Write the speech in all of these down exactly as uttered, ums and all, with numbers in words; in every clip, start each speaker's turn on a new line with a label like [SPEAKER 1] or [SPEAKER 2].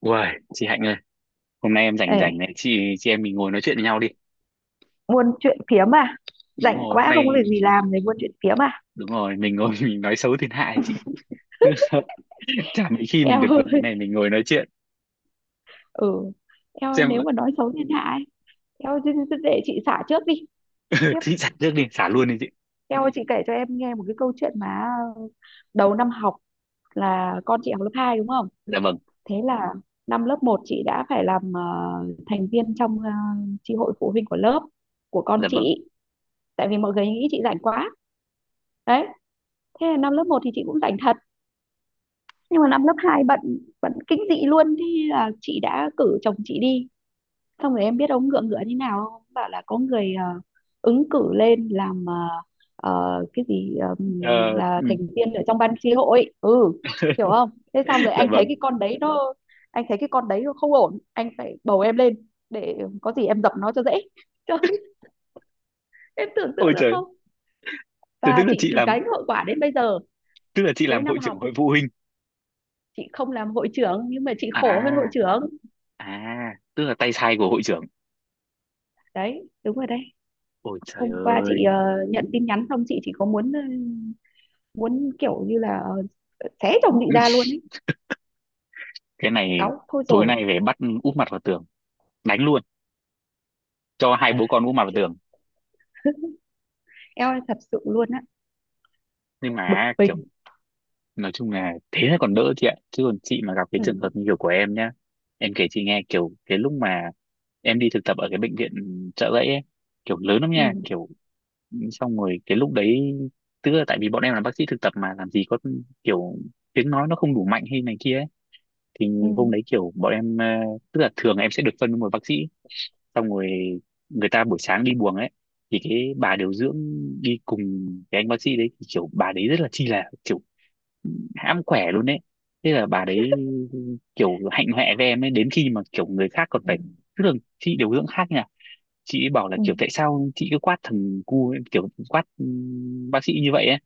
[SPEAKER 1] Uầy, chị Hạnh ơi, hôm nay em rảnh
[SPEAKER 2] Ê,
[SPEAKER 1] rảnh này, chị chị em mình ngồi nói chuyện với nhau đi.
[SPEAKER 2] buôn chuyện phiếm à?
[SPEAKER 1] Đúng
[SPEAKER 2] Rảnh
[SPEAKER 1] rồi, hôm
[SPEAKER 2] quá không có
[SPEAKER 1] nay
[SPEAKER 2] việc gì làm để buôn chuyện phiếm à?
[SPEAKER 1] đúng rồi, mình ngồi mình nói xấu thiên hạ ấy chị. Chả mấy khi mình
[SPEAKER 2] Eo
[SPEAKER 1] được rảnh
[SPEAKER 2] ơi,
[SPEAKER 1] này mình ngồi nói chuyện.
[SPEAKER 2] ừ. Eo ơi,
[SPEAKER 1] Xem
[SPEAKER 2] nếu mà nói xấu thiên hạ ấy, eo ơi, thế- thế để chị xả trước đi. Kiếp,
[SPEAKER 1] chị xả trước đi, xả luôn đi chị.
[SPEAKER 2] eo ơi, chị kể cho em nghe một cái câu chuyện mà đầu năm học là con chị học lớp hai đúng không?
[SPEAKER 1] Dạ vâng,
[SPEAKER 2] Thế là năm lớp một chị đã phải làm ờ, thành viên trong ờ, chi hội phụ huynh của lớp của con
[SPEAKER 1] dạ vâng.
[SPEAKER 2] chị. Tại vì mọi người nghĩ chị rảnh quá. Đấy, thế là năm lớp một thì chị cũng rảnh thật, nhưng mà năm lớp hai bận, bận kinh dị luôn. Thế là chị đã cử chồng chị đi, xong rồi em biết ông ngựa ngựa thế nào không, bảo là có người ờ, ứng cử lên làm, ờ, ờ, cái gì, ờm,
[SPEAKER 1] Ờ,
[SPEAKER 2] là
[SPEAKER 1] ừ,
[SPEAKER 2] thành viên ở trong ban tri hội, ừ, hiểu không? Thế xong rồi
[SPEAKER 1] dạ
[SPEAKER 2] anh thấy
[SPEAKER 1] vâng.
[SPEAKER 2] cái con đấy nó anh thấy cái con đấy nó không ổn, anh phải bầu em lên để có gì em dập nó cho dễ. Trời, em tưởng
[SPEAKER 1] Ôi
[SPEAKER 2] tượng được
[SPEAKER 1] trời,
[SPEAKER 2] không?
[SPEAKER 1] thế tức
[SPEAKER 2] Và
[SPEAKER 1] là
[SPEAKER 2] chị
[SPEAKER 1] chị làm,
[SPEAKER 2] gánh hậu quả đến bây giờ.
[SPEAKER 1] tức là chị
[SPEAKER 2] Cuối
[SPEAKER 1] làm
[SPEAKER 2] năm
[SPEAKER 1] hội trưởng
[SPEAKER 2] học
[SPEAKER 1] hội phụ huynh.
[SPEAKER 2] chị không làm hội trưởng nhưng mà chị khổ hơn hội
[SPEAKER 1] À,
[SPEAKER 2] trưởng.
[SPEAKER 1] à, tức là tay sai của hội trưởng.
[SPEAKER 2] Đấy, đúng rồi đấy.
[SPEAKER 1] Ôi trời
[SPEAKER 2] Hôm qua chị
[SPEAKER 1] ơi,
[SPEAKER 2] ờ, nhận tin nhắn xong chị chỉ có muốn ờ, muốn kiểu như là ờ, xé chồng chị ra luôn ấy.
[SPEAKER 1] cái này
[SPEAKER 2] Cáu thôi
[SPEAKER 1] tối
[SPEAKER 2] rồi.
[SPEAKER 1] nay về bắt úp mặt vào tường, đánh luôn, cho hai bố con úp mặt vào
[SPEAKER 2] Chị,
[SPEAKER 1] tường.
[SPEAKER 2] em ơi, thật sự luôn á.
[SPEAKER 1] Nhưng
[SPEAKER 2] Bực
[SPEAKER 1] mà kiểu
[SPEAKER 2] mình.
[SPEAKER 1] nói chung là thế là còn đỡ chị ạ, chứ còn chị mà gặp cái trường hợp
[SPEAKER 2] Ừ,
[SPEAKER 1] như kiểu của em nhá, em kể chị nghe kiểu cái lúc mà em đi thực tập ở cái bệnh viện Chợ Rẫy ấy, kiểu lớn lắm
[SPEAKER 2] ừ,
[SPEAKER 1] nha, kiểu xong rồi cái lúc đấy, tức là tại vì bọn em là bác sĩ thực tập mà làm gì có kiểu tiếng nói nó không đủ mạnh hay này kia ấy. Thì
[SPEAKER 2] ừ,
[SPEAKER 1] hôm đấy kiểu bọn em ờ, tức là thường em sẽ được phân với một bác sĩ, xong rồi người ta buổi sáng đi buồng ấy, thì cái bà điều dưỡng đi cùng cái anh bác sĩ đấy, thì kiểu bà đấy rất là chi là kiểu hãm khỏe luôn đấy. Thế là bà đấy kiểu hạnh hoẹ với em ấy đến khi mà kiểu người khác còn
[SPEAKER 2] ừ,
[SPEAKER 1] phải, tức là chị điều dưỡng khác nha, chị ấy bảo là
[SPEAKER 2] ừ,
[SPEAKER 1] kiểu tại sao chị cứ quát thằng cu ấy, kiểu quát ừm, bác sĩ như vậy ấy.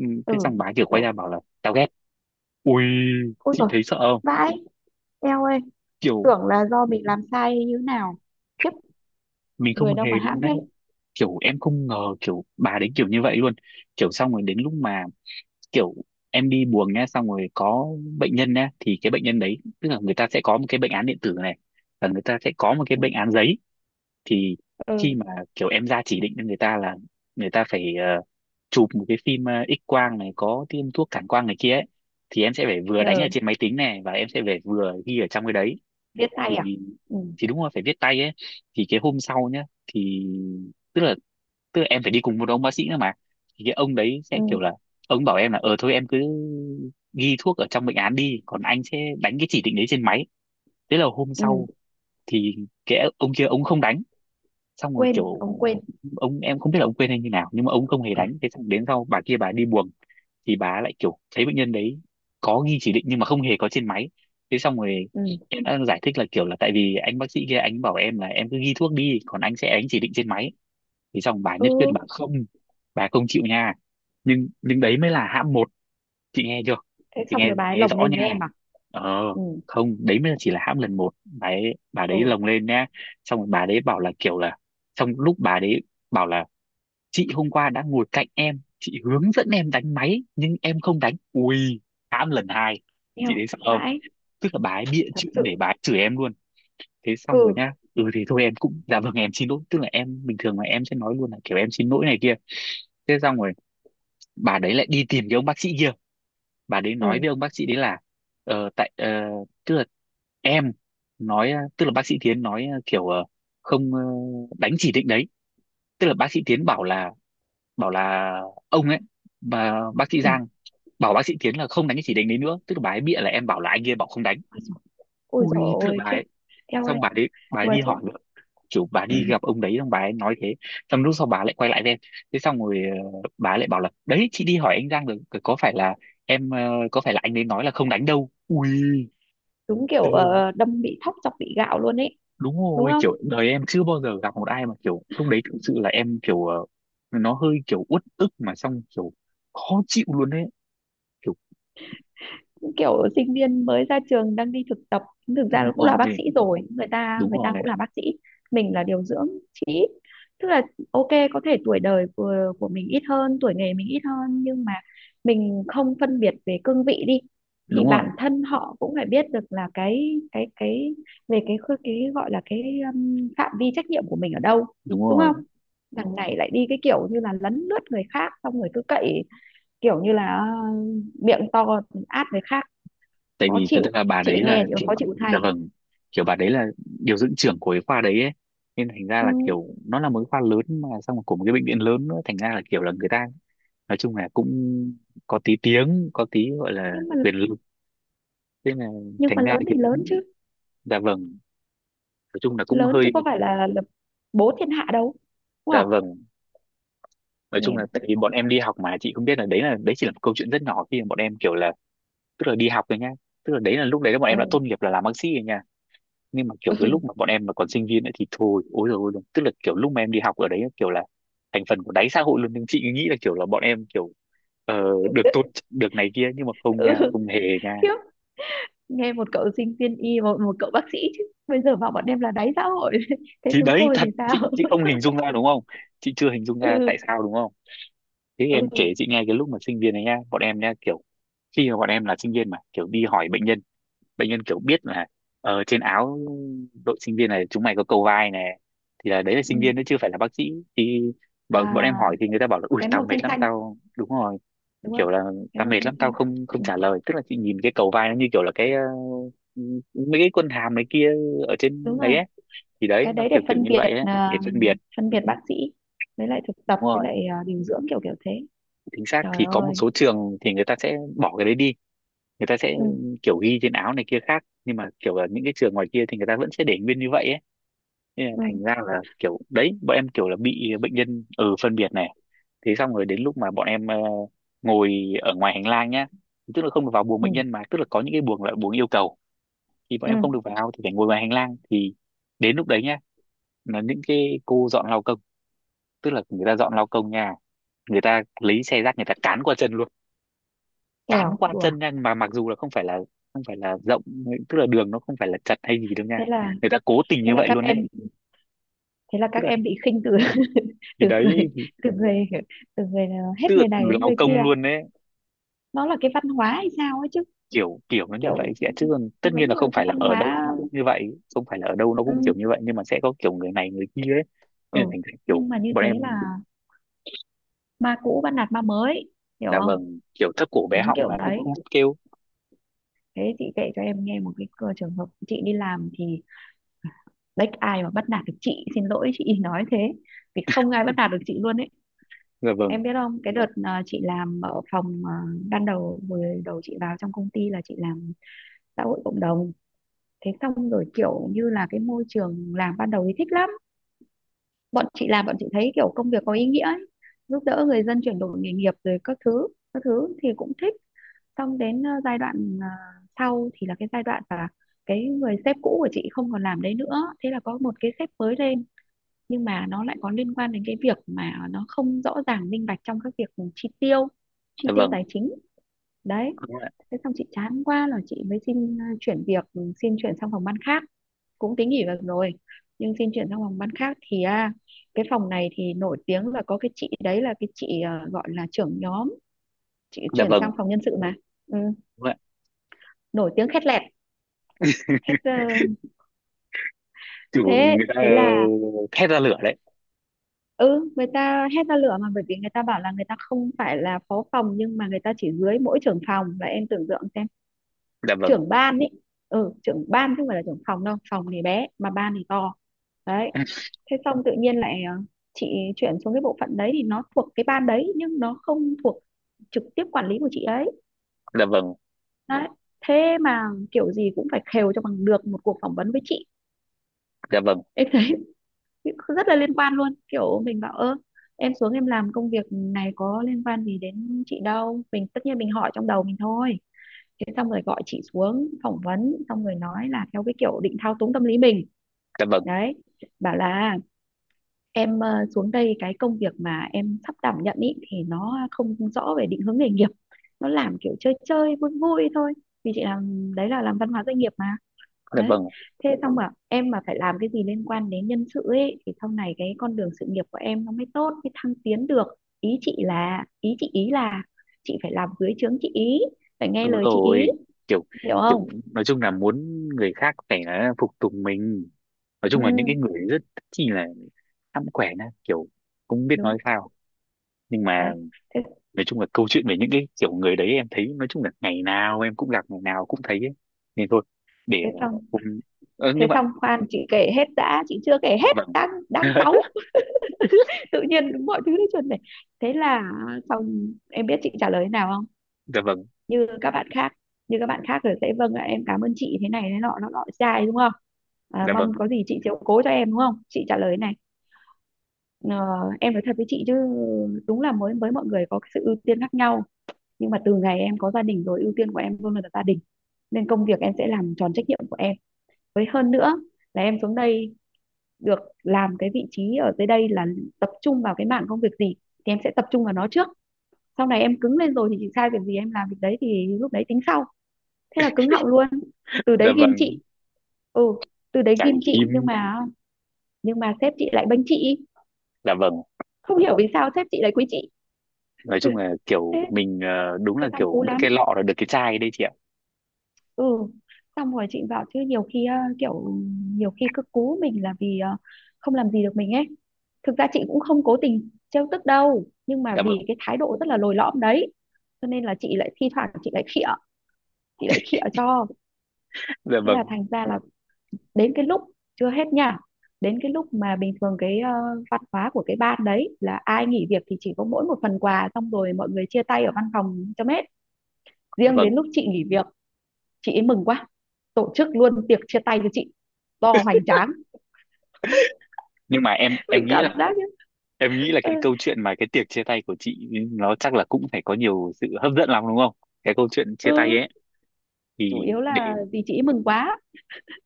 [SPEAKER 1] Ừ, thế xong
[SPEAKER 2] ừ,
[SPEAKER 1] bà kiểu quay
[SPEAKER 2] kiểu.
[SPEAKER 1] ra bảo là tao ghét. Ui
[SPEAKER 2] Ôi
[SPEAKER 1] chị
[SPEAKER 2] rồi,
[SPEAKER 1] thấy sợ không,
[SPEAKER 2] vãi. Eo ơi,
[SPEAKER 1] kiểu
[SPEAKER 2] tưởng là do mình làm sai như nào. Khiếp.
[SPEAKER 1] mình không
[SPEAKER 2] Người đâu
[SPEAKER 1] hề
[SPEAKER 2] mà hãm
[SPEAKER 1] luôn đấy,
[SPEAKER 2] thế.
[SPEAKER 1] kiểu em không ngờ kiểu bà đấy kiểu như vậy luôn, kiểu xong rồi đến lúc mà kiểu em đi buồng nhá, xong rồi có bệnh nhân nhá, thì cái bệnh nhân đấy tức là người ta sẽ có một cái bệnh án điện tử này và người ta sẽ có một cái
[SPEAKER 2] Ừ,
[SPEAKER 1] bệnh án giấy. Thì khi
[SPEAKER 2] ừ.
[SPEAKER 1] mà kiểu em ra chỉ định cho người ta là người ta phải ờ, chụp một cái phim ờ, X quang này, có tiêm thuốc cản quang này kia ấy, thì em sẽ phải vừa đánh ở
[SPEAKER 2] Giờ
[SPEAKER 1] trên máy tính này và em sẽ phải vừa ghi ở trong cái đấy.
[SPEAKER 2] viết
[SPEAKER 1] thì
[SPEAKER 2] tay à? Ừ,
[SPEAKER 1] thì đúng rồi phải viết tay ấy. Thì cái hôm sau nhá, thì tức là tức là em phải đi cùng một ông bác sĩ nữa mà, thì cái ông đấy sẽ
[SPEAKER 2] ừ,
[SPEAKER 1] kiểu là ông bảo em là ờ thôi em cứ ghi thuốc ở trong bệnh án đi, còn anh sẽ đánh cái chỉ định đấy trên máy. Thế là hôm
[SPEAKER 2] ừ,
[SPEAKER 1] sau thì cái ông kia ông không đánh, xong rồi
[SPEAKER 2] quên,
[SPEAKER 1] kiểu
[SPEAKER 2] ông quên.
[SPEAKER 1] ông, em không biết là ông quên hay như nào nhưng mà ông không hề đánh. Thế xong đến sau bà kia bà đi buồng, thì bà lại kiểu thấy bệnh nhân đấy có ghi chỉ định nhưng mà không hề có trên máy. Thế xong rồi
[SPEAKER 2] Ừ,
[SPEAKER 1] em đã giải thích là kiểu là tại vì anh bác sĩ kia anh bảo em là em cứ ghi thuốc đi, còn anh sẽ đánh chỉ định trên máy. Thì xong bà
[SPEAKER 2] ừ.
[SPEAKER 1] nhất quyết bà không, bà không chịu nha. nhưng nhưng đấy mới là hãm một, chị nghe chưa,
[SPEAKER 2] Thế
[SPEAKER 1] chị
[SPEAKER 2] xong
[SPEAKER 1] nghe
[SPEAKER 2] rồi bà ấy
[SPEAKER 1] nghe
[SPEAKER 2] lồng
[SPEAKER 1] rõ
[SPEAKER 2] lên với
[SPEAKER 1] nha.
[SPEAKER 2] em à?
[SPEAKER 1] Ờ,
[SPEAKER 2] Ừ,
[SPEAKER 1] không, đấy mới chỉ là hãm lần một, bà ấy bà đấy
[SPEAKER 2] ừ,
[SPEAKER 1] lồng lên nha. Xong rồi bà đấy bảo là kiểu là, trong lúc bà đấy bảo là chị hôm qua đã ngồi cạnh em, chị hướng dẫn em đánh máy nhưng em không đánh. Ui hãm lần hai,
[SPEAKER 2] eo,
[SPEAKER 1] chị đấy sợ không,
[SPEAKER 2] vãi,
[SPEAKER 1] tức là bà ấy bịa
[SPEAKER 2] thật
[SPEAKER 1] chuyện để
[SPEAKER 2] sự.
[SPEAKER 1] bà ấy chửi em luôn. Thế
[SPEAKER 2] Ừ,
[SPEAKER 1] xong rồi nhá, ừ thì thôi em cũng dạ vâng em xin lỗi, tức là em bình thường mà em sẽ nói luôn là kiểu em xin lỗi này kia. Thế xong rồi bà đấy lại đi tìm cái ông bác sĩ kia, bà đấy nói
[SPEAKER 2] ừ,
[SPEAKER 1] với ông bác sĩ đấy là ờ, tại ờ, tức là em nói ờ, tức là bác sĩ Tiến nói ờ, kiểu ờ, không ờ, đánh chỉ định đấy, tức là bác sĩ Tiến bảo là, bảo là ông ấy, bà, bác sĩ
[SPEAKER 2] ừ,
[SPEAKER 1] Giang bảo bác sĩ Tiến là không đánh cái chỉ định đấy nữa, tức là bà ấy bịa là em bảo là anh kia bảo không đánh.
[SPEAKER 2] ôi dồi, ôi dồi
[SPEAKER 1] Ui tức là
[SPEAKER 2] ôi,
[SPEAKER 1] bà
[SPEAKER 2] khiếp.
[SPEAKER 1] ấy,
[SPEAKER 2] Theo
[SPEAKER 1] xong
[SPEAKER 2] anh,
[SPEAKER 1] bà đấy bà ấy
[SPEAKER 2] đùa
[SPEAKER 1] đi
[SPEAKER 2] chứ.
[SPEAKER 1] hỏi, kiểu bà đi gặp ông đấy xong bà ấy nói thế. Xong lúc sau bà lại quay lại với em. Thế xong rồi ờ, bà ấy lại bảo là đấy chị đi hỏi anh Giang rồi, có phải là em ờ, có phải là anh ấy nói là không đánh đâu. Ui
[SPEAKER 2] Đúng kiểu
[SPEAKER 1] thế-
[SPEAKER 2] ờ, đâm bị thóc chọc bị gạo luôn ấy,
[SPEAKER 1] đúng
[SPEAKER 2] đúng
[SPEAKER 1] rồi
[SPEAKER 2] không?
[SPEAKER 1] kiểu đời em chưa bao giờ gặp một ai mà kiểu lúc đấy thực sự là em kiểu ờ, nó hơi kiểu uất ức mà xong kiểu khó chịu luôn đấy. Kiểu
[SPEAKER 2] Đúng kiểu sinh viên mới ra trường đang đi thực tập, thực ra
[SPEAKER 1] đúng
[SPEAKER 2] nó cũng là bác
[SPEAKER 1] rồi,
[SPEAKER 2] sĩ rồi, người ta
[SPEAKER 1] đúng
[SPEAKER 2] người ta
[SPEAKER 1] rồi,
[SPEAKER 2] cũng là bác sĩ. Mình là điều dưỡng, tức là OK, có thể tuổi đời của của mình ít hơn, tuổi nghề mình ít hơn, nhưng mà mình không phân biệt về cương vị đi, thì
[SPEAKER 1] đúng rồi,
[SPEAKER 2] bản thân họ cũng phải biết được là cái cái cái về cái khư- cái gọi là cái um, phạm vi trách nhiệm của mình ở đâu,
[SPEAKER 1] đúng
[SPEAKER 2] đúng
[SPEAKER 1] rồi,
[SPEAKER 2] không? Đằng này lại đi cái kiểu như là lấn lướt người khác xong rồi cứ cậy kiểu như là uh, miệng to át người khác.
[SPEAKER 1] tại
[SPEAKER 2] Khó
[SPEAKER 1] vì thật
[SPEAKER 2] chịu.
[SPEAKER 1] ra bà
[SPEAKER 2] Chị
[SPEAKER 1] đấy
[SPEAKER 2] nghe
[SPEAKER 1] là
[SPEAKER 2] chị khó
[SPEAKER 1] kiểu,
[SPEAKER 2] chịu
[SPEAKER 1] dạ
[SPEAKER 2] thầy.
[SPEAKER 1] vâng, kiểu bà đấy là điều dưỡng trưởng của cái khoa đấy ấy. Nên thành ra
[SPEAKER 2] Ừ,
[SPEAKER 1] là kiểu nó là một cái khoa lớn, mà xong rồi của một cái bệnh viện lớn nữa, thành ra là kiểu là người ta nói chung là cũng có tí tiếng có tí gọi là
[SPEAKER 2] nhưng mà
[SPEAKER 1] quyền lực. Thế là
[SPEAKER 2] nhưng mà
[SPEAKER 1] thành ra là
[SPEAKER 2] lớn
[SPEAKER 1] kiểu,
[SPEAKER 2] thì lớn chứ,
[SPEAKER 1] dạ vâng, nói chung là cũng
[SPEAKER 2] lớn chứ
[SPEAKER 1] hơi,
[SPEAKER 2] có phải là, là, bố thiên hạ đâu, đúng
[SPEAKER 1] dạ
[SPEAKER 2] không?
[SPEAKER 1] vâng, nói chung
[SPEAKER 2] Nghe
[SPEAKER 1] là
[SPEAKER 2] mà
[SPEAKER 1] tại
[SPEAKER 2] tức.
[SPEAKER 1] vì bọn em đi học mà, chị không biết là đấy là, đấy chỉ là một câu chuyện rất nhỏ khi mà bọn em kiểu là, tức là đi học thôi nhá, tức là đấy là lúc đấy là bọn em
[SPEAKER 2] ờ
[SPEAKER 1] đã tốt nghiệp là làm bác sĩ rồi nha. Nhưng mà kiểu cái lúc
[SPEAKER 2] ừ,
[SPEAKER 1] mà bọn em mà còn sinh viên ấy thì thôi ôi rồi ôi rồi, tức là kiểu lúc mà em đi học ở đấy ấy, kiểu là thành phần của đáy xã hội luôn. Nhưng chị nghĩ là kiểu là bọn em kiểu ờ, được tôn trọng, được này kia, nhưng mà không
[SPEAKER 2] ừ,
[SPEAKER 1] nha, không hề nha.
[SPEAKER 2] khiếp. Nghe một cậu sinh viên y, một một cậu bác sĩ chứ bây giờ bảo bọn em là đáy xã hội. Thế
[SPEAKER 1] Thì
[SPEAKER 2] chúng
[SPEAKER 1] đấy
[SPEAKER 2] tôi
[SPEAKER 1] thật,
[SPEAKER 2] thì
[SPEAKER 1] chị
[SPEAKER 2] sao?
[SPEAKER 1] chị không hình dung ra đúng không, chị chưa hình dung ra tại
[SPEAKER 2] Ừ,
[SPEAKER 1] sao đúng không. Thế em
[SPEAKER 2] ừ,
[SPEAKER 1] kể chị nghe cái lúc mà sinh viên này nha, bọn em nha, kiểu khi mà bọn em là sinh viên mà kiểu đi hỏi bệnh nhân, bệnh nhân kiểu biết là ở trên áo đội sinh viên này chúng mày có cầu vai này, thì là đấy là
[SPEAKER 2] ừ.
[SPEAKER 1] sinh viên đấy chưa phải là bác sĩ. Thì
[SPEAKER 2] À,
[SPEAKER 1] bọn bọn em hỏi thì người ta bảo là ui
[SPEAKER 2] cái
[SPEAKER 1] tao
[SPEAKER 2] màu
[SPEAKER 1] mệt
[SPEAKER 2] xanh
[SPEAKER 1] lắm
[SPEAKER 2] xanh,
[SPEAKER 1] tao, đúng rồi,
[SPEAKER 2] đúng
[SPEAKER 1] kiểu
[SPEAKER 2] không?
[SPEAKER 1] là
[SPEAKER 2] Cái
[SPEAKER 1] tao
[SPEAKER 2] màu
[SPEAKER 1] mệt
[SPEAKER 2] xanh
[SPEAKER 1] lắm tao
[SPEAKER 2] xanh.
[SPEAKER 1] không, không
[SPEAKER 2] Ừ.
[SPEAKER 1] trả lời. Tức là chị nhìn cái cầu vai nó như kiểu là cái ờ, mấy cái quân hàm này kia ở trên
[SPEAKER 2] Đúng
[SPEAKER 1] đấy
[SPEAKER 2] rồi,
[SPEAKER 1] ấy, thì đấy
[SPEAKER 2] cái
[SPEAKER 1] nó
[SPEAKER 2] đấy để
[SPEAKER 1] kiểu kiểu
[SPEAKER 2] phân
[SPEAKER 1] như
[SPEAKER 2] biệt
[SPEAKER 1] vậy ấy
[SPEAKER 2] à,
[SPEAKER 1] để phân biệt.
[SPEAKER 2] phân biệt bác sĩ với lại thực
[SPEAKER 1] Đúng
[SPEAKER 2] tập với
[SPEAKER 1] rồi
[SPEAKER 2] lại à, điều dưỡng kiểu kiểu thế.
[SPEAKER 1] chính xác,
[SPEAKER 2] Trời
[SPEAKER 1] thì có một
[SPEAKER 2] ơi.
[SPEAKER 1] số trường thì người ta sẽ bỏ cái đấy đi, người ta sẽ
[SPEAKER 2] Ừ,
[SPEAKER 1] kiểu ghi trên áo này kia khác, nhưng mà kiểu là những cái trường ngoài kia thì người ta vẫn sẽ để nguyên như vậy ấy. Thế là
[SPEAKER 2] ừ,
[SPEAKER 1] thành ra là kiểu đấy bọn em kiểu là bị bệnh nhân ừ phân biệt này. Thế xong rồi đến lúc mà bọn em ờ, ngồi ở ngoài hành lang nhá, tức là không được vào buồng bệnh
[SPEAKER 2] ừ,
[SPEAKER 1] nhân mà tức là có những cái buồng là buồng yêu cầu thì bọn
[SPEAKER 2] ừ.
[SPEAKER 1] em không được vào thì phải ngồi ngoài hành lang. Thì đến lúc đấy nhá là những cái cô dọn lao công, tức là người ta dọn lao công nha, người ta lấy xe rác người ta cán qua chân luôn. Cán
[SPEAKER 2] Kèo
[SPEAKER 1] qua
[SPEAKER 2] đùa.
[SPEAKER 1] chân nha, mà mặc dù là không phải là, không phải là rộng, tức là đường nó không phải là chật hay gì đâu nha,
[SPEAKER 2] thế là
[SPEAKER 1] người ta cố tình
[SPEAKER 2] thế
[SPEAKER 1] như
[SPEAKER 2] là
[SPEAKER 1] vậy
[SPEAKER 2] các
[SPEAKER 1] luôn đấy.
[SPEAKER 2] em thế là
[SPEAKER 1] Tức
[SPEAKER 2] các
[SPEAKER 1] là,
[SPEAKER 2] em bị khinh. Từ
[SPEAKER 1] thì
[SPEAKER 2] từ
[SPEAKER 1] đấy,
[SPEAKER 2] người từ người từ người
[SPEAKER 1] tức
[SPEAKER 2] Hết
[SPEAKER 1] là
[SPEAKER 2] người
[SPEAKER 1] từ
[SPEAKER 2] này đến
[SPEAKER 1] lao
[SPEAKER 2] người kia.
[SPEAKER 1] công luôn đấy,
[SPEAKER 2] Nó là cái văn hóa hay sao ấy chứ.
[SPEAKER 1] kiểu kiểu nó như vậy
[SPEAKER 2] Kiểu
[SPEAKER 1] chị ạ, chứ còn tất
[SPEAKER 2] giống
[SPEAKER 1] nhiên là
[SPEAKER 2] như
[SPEAKER 1] không
[SPEAKER 2] cái
[SPEAKER 1] phải là
[SPEAKER 2] văn
[SPEAKER 1] ở đâu nó
[SPEAKER 2] hóa.
[SPEAKER 1] cũng như vậy, không phải là ở đâu nó cũng kiểu như
[SPEAKER 2] Ừ,
[SPEAKER 1] vậy, nhưng mà sẽ có kiểu người này người kia ấy.
[SPEAKER 2] ừ.
[SPEAKER 1] Nên là thành ra kiểu
[SPEAKER 2] Nhưng mà như
[SPEAKER 1] bọn em,
[SPEAKER 2] thế là ma cũ bắt nạt ma mới, hiểu
[SPEAKER 1] dạ
[SPEAKER 2] không?
[SPEAKER 1] vâng, kiểu thấp cổ bé
[SPEAKER 2] Đúng
[SPEAKER 1] họng
[SPEAKER 2] kiểu
[SPEAKER 1] mà cũng
[SPEAKER 2] đấy.
[SPEAKER 1] không biết kêu.
[SPEAKER 2] Thế chị kể cho em nghe một cái cơ- trường hợp chị đi làm thì đấy, ai mà bắt nạt được chị, xin lỗi chị, nói thế vì không ai bắt nạt được chị luôn ấy.
[SPEAKER 1] Dạ
[SPEAKER 2] Em
[SPEAKER 1] vâng,
[SPEAKER 2] biết không, cái đợt à, chị làm ở phòng à, ban đầu vừa đầu chị vào trong công ty là chị làm xã hội cộng đồng. Thế xong rồi kiểu như là cái môi trường làm ban đầu thì thích lắm, bọn chị làm bọn chị thấy kiểu công việc có ý nghĩa ấy. Giúp đỡ người dân chuyển đổi nghề nghiệp rồi các thứ các thứ thì cũng thích. Xong đến ờ, giai đoạn ờ, sau thì là cái giai đoạn là cái người sếp cũ của chị không còn làm đấy nữa. Thế là có một cái sếp mới lên, nhưng mà nó lại có liên quan đến cái việc mà nó không rõ ràng minh bạch trong các việc chi tiêu, chi
[SPEAKER 1] dạ
[SPEAKER 2] tiêu
[SPEAKER 1] vâng,
[SPEAKER 2] tài chính. Đấy.
[SPEAKER 1] đúng ạ,
[SPEAKER 2] Thế xong chị chán quá là chị mới xin ờ, chuyển việc, ừ, xin chuyển sang phòng ban khác, cũng tính nghỉ việc rồi, nhưng xin chuyển sang phòng ban khác thì à, cái phòng này thì nổi tiếng là có cái chị đấy là cái chị ờ, gọi là trưởng nhóm. Chị
[SPEAKER 1] dạ
[SPEAKER 2] chuyển
[SPEAKER 1] vâng,
[SPEAKER 2] sang phòng nhân sự mà. Ừ,
[SPEAKER 1] đúng ạ.
[SPEAKER 2] nổi tiếng khét lẹt, khét ờ,
[SPEAKER 1] Kiểu
[SPEAKER 2] thế
[SPEAKER 1] người ta
[SPEAKER 2] thế
[SPEAKER 1] ờ,
[SPEAKER 2] là
[SPEAKER 1] thét ra lửa đấy.
[SPEAKER 2] ừ, người ta hét ra lửa mà, bởi vì người ta bảo là người ta không phải là phó phòng nhưng mà người ta chỉ dưới mỗi trưởng phòng, và em tưởng tượng xem,
[SPEAKER 1] Dạ vâng.
[SPEAKER 2] trưởng ban ấy, ừ, trưởng ban chứ không phải là trưởng phòng đâu, phòng thì bé mà ban thì to. Đấy. Thế xong tự nhiên lại ờ, chị chuyển xuống cái bộ phận đấy thì nó thuộc cái ban đấy nhưng nó không thuộc trực tiếp quản lý của chị ấy.
[SPEAKER 1] Dạ vâng,
[SPEAKER 2] Đấy. Thế mà kiểu gì cũng phải khều cho bằng được một cuộc phỏng vấn với chị.
[SPEAKER 1] dạ vâng,
[SPEAKER 2] Em thấy rất là liên quan luôn, kiểu mình bảo ơ, em xuống em làm công việc này có liên quan gì đến chị đâu, mình tất nhiên mình hỏi trong đầu mình thôi. Thế xong rồi gọi chị xuống phỏng vấn xong rồi nói là theo cái kiểu định thao túng tâm lý mình.
[SPEAKER 1] dạ vâng,
[SPEAKER 2] Đấy, bảo là em ờ, xuống đây cái công việc mà em sắp đảm nhận ý thì nó không rõ về định hướng nghề nghiệp, nó làm kiểu chơi chơi vui vui thôi, vì chị làm đấy là làm văn hóa doanh nghiệp mà.
[SPEAKER 1] dạ
[SPEAKER 2] Đấy.
[SPEAKER 1] vâng,
[SPEAKER 2] Thế xong mà em mà phải làm cái gì liên quan đến nhân sự ấy thì sau này cái con đường sự nghiệp của em nó mới tốt, mới thăng tiến được. Ý chị là ý chị ý là chị phải làm dưới trướng chị ý, phải nghe
[SPEAKER 1] đúng
[SPEAKER 2] lời chị ý,
[SPEAKER 1] rồi, kiểu
[SPEAKER 2] hiểu không?
[SPEAKER 1] kiểu nói chung là muốn người khác phải là phục tùng mình, nói
[SPEAKER 2] Ừ
[SPEAKER 1] chung là những cái người rất chi là hãm quẻ na, kiểu không biết nói
[SPEAKER 2] đúng.
[SPEAKER 1] sao. Nhưng mà
[SPEAKER 2] Đấy. thế
[SPEAKER 1] nói chung là câu chuyện về những cái kiểu người đấy em thấy nói chung là ngày nào em cũng gặp, ngày nào cũng thấy ấy. Nên thôi, để
[SPEAKER 2] thế xong
[SPEAKER 1] hôm, ờ,
[SPEAKER 2] thế
[SPEAKER 1] nhưng mà
[SPEAKER 2] xong khoan chị kể hết đã, chị chưa kể
[SPEAKER 1] dạ
[SPEAKER 2] hết,
[SPEAKER 1] vâng.
[SPEAKER 2] đang đang cáu. Tự nhiên mọi thứ nó chuẩn này. Thế là xong. Em biết chị trả lời thế nào không?
[SPEAKER 1] Dạ vâng,
[SPEAKER 2] Như các bạn khác như các bạn khác rồi sẽ vâng ạ em cảm ơn chị thế này thế nọ nó nọ dài, đúng không? À,
[SPEAKER 1] dạ
[SPEAKER 2] mong
[SPEAKER 1] vâng,
[SPEAKER 2] có gì chị chiếu cố cho em, đúng không? Chị trả lời thế này: "Ờ, em nói thật với chị chứ, đúng là mới với mọi người có cái sự ưu tiên khác nhau, nhưng mà từ ngày em có gia đình rồi, ưu tiên của em luôn là gia đình, nên công việc em sẽ làm tròn trách nhiệm của em. Với hơn nữa là em xuống đây được làm cái vị trí ở dưới đây là tập trung vào cái mảng công việc gì thì em sẽ tập trung vào nó trước, sau này em cứng lên rồi thì chị sai việc gì em làm việc đấy, thì lúc đấy tính sau." Thế là cứng họng luôn, từ
[SPEAKER 1] dạ
[SPEAKER 2] đấy ghim
[SPEAKER 1] vâng,
[SPEAKER 2] chị. Ừ, từ đấy
[SPEAKER 1] trải
[SPEAKER 2] ghim chị,
[SPEAKER 1] nghiệm,
[SPEAKER 2] nhưng mà, nhưng mà sếp chị lại bênh chị,
[SPEAKER 1] dạ vâng,
[SPEAKER 2] không hiểu vì sao sếp chị lại quý chị.
[SPEAKER 1] nói chung là
[SPEAKER 2] thế
[SPEAKER 1] kiểu mình ờ, đúng
[SPEAKER 2] thế
[SPEAKER 1] là
[SPEAKER 2] xong
[SPEAKER 1] kiểu
[SPEAKER 2] cú
[SPEAKER 1] mất
[SPEAKER 2] lắm.
[SPEAKER 1] cái lọ là được cái chai đấy chị ạ.
[SPEAKER 2] Ừ, xong rồi chị bảo chứ, nhiều khi ờ, kiểu nhiều khi cứ cú mình là vì ờ, không làm gì được mình ấy. Thực ra chị cũng không cố tình trêu tức đâu nhưng mà
[SPEAKER 1] Dạ vâng,
[SPEAKER 2] vì cái thái độ rất là lồi lõm đấy, cho nên là chị lại thi thoảng chị lại khịa, chị lại khịa cho.
[SPEAKER 1] dạ
[SPEAKER 2] Thế là
[SPEAKER 1] vâng,
[SPEAKER 2] thành ra là đến cái lúc, chưa hết nha, đến cái lúc mà bình thường cái ờ, văn hóa của cái ban đấy là ai nghỉ việc thì chỉ có mỗi một phần quà xong rồi mọi người chia tay ở văn phòng cho hết.
[SPEAKER 1] dạ
[SPEAKER 2] Riêng
[SPEAKER 1] vâng.
[SPEAKER 2] đến lúc chị nghỉ việc, chị ấy mừng quá, tổ chức luôn tiệc chia tay cho chị to hoành tráng.
[SPEAKER 1] Nhưng mà em em
[SPEAKER 2] Mình
[SPEAKER 1] nghĩ
[SPEAKER 2] cảm
[SPEAKER 1] là,
[SPEAKER 2] giác như.
[SPEAKER 1] em nghĩ là
[SPEAKER 2] Ừ,
[SPEAKER 1] cái câu chuyện mà cái tiệc chia tay của chị ừ, nó chắc là cũng phải có nhiều sự hấp dẫn lắm đúng không, cái câu chuyện chia tay
[SPEAKER 2] ừ,
[SPEAKER 1] ấy,
[SPEAKER 2] chủ
[SPEAKER 1] thì
[SPEAKER 2] yếu
[SPEAKER 1] để,
[SPEAKER 2] là vì chị ấy mừng quá.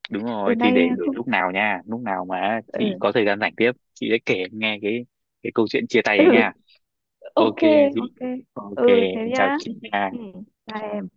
[SPEAKER 1] đúng rồi,
[SPEAKER 2] Từ
[SPEAKER 1] thì
[SPEAKER 2] nay
[SPEAKER 1] để để
[SPEAKER 2] không.
[SPEAKER 1] lúc nào nha, lúc nào mà chị
[SPEAKER 2] Ừ,
[SPEAKER 1] có thời gian rảnh tiếp chị sẽ kể em nghe cái cái câu chuyện chia
[SPEAKER 2] ừ,
[SPEAKER 1] tay ấy nha. OK
[SPEAKER 2] OK.
[SPEAKER 1] chị,
[SPEAKER 2] OK.
[SPEAKER 1] OK,
[SPEAKER 2] Ừ, thế
[SPEAKER 1] em chào
[SPEAKER 2] nhá.
[SPEAKER 1] chị
[SPEAKER 2] Ừ,
[SPEAKER 1] nha.
[SPEAKER 2] bye em.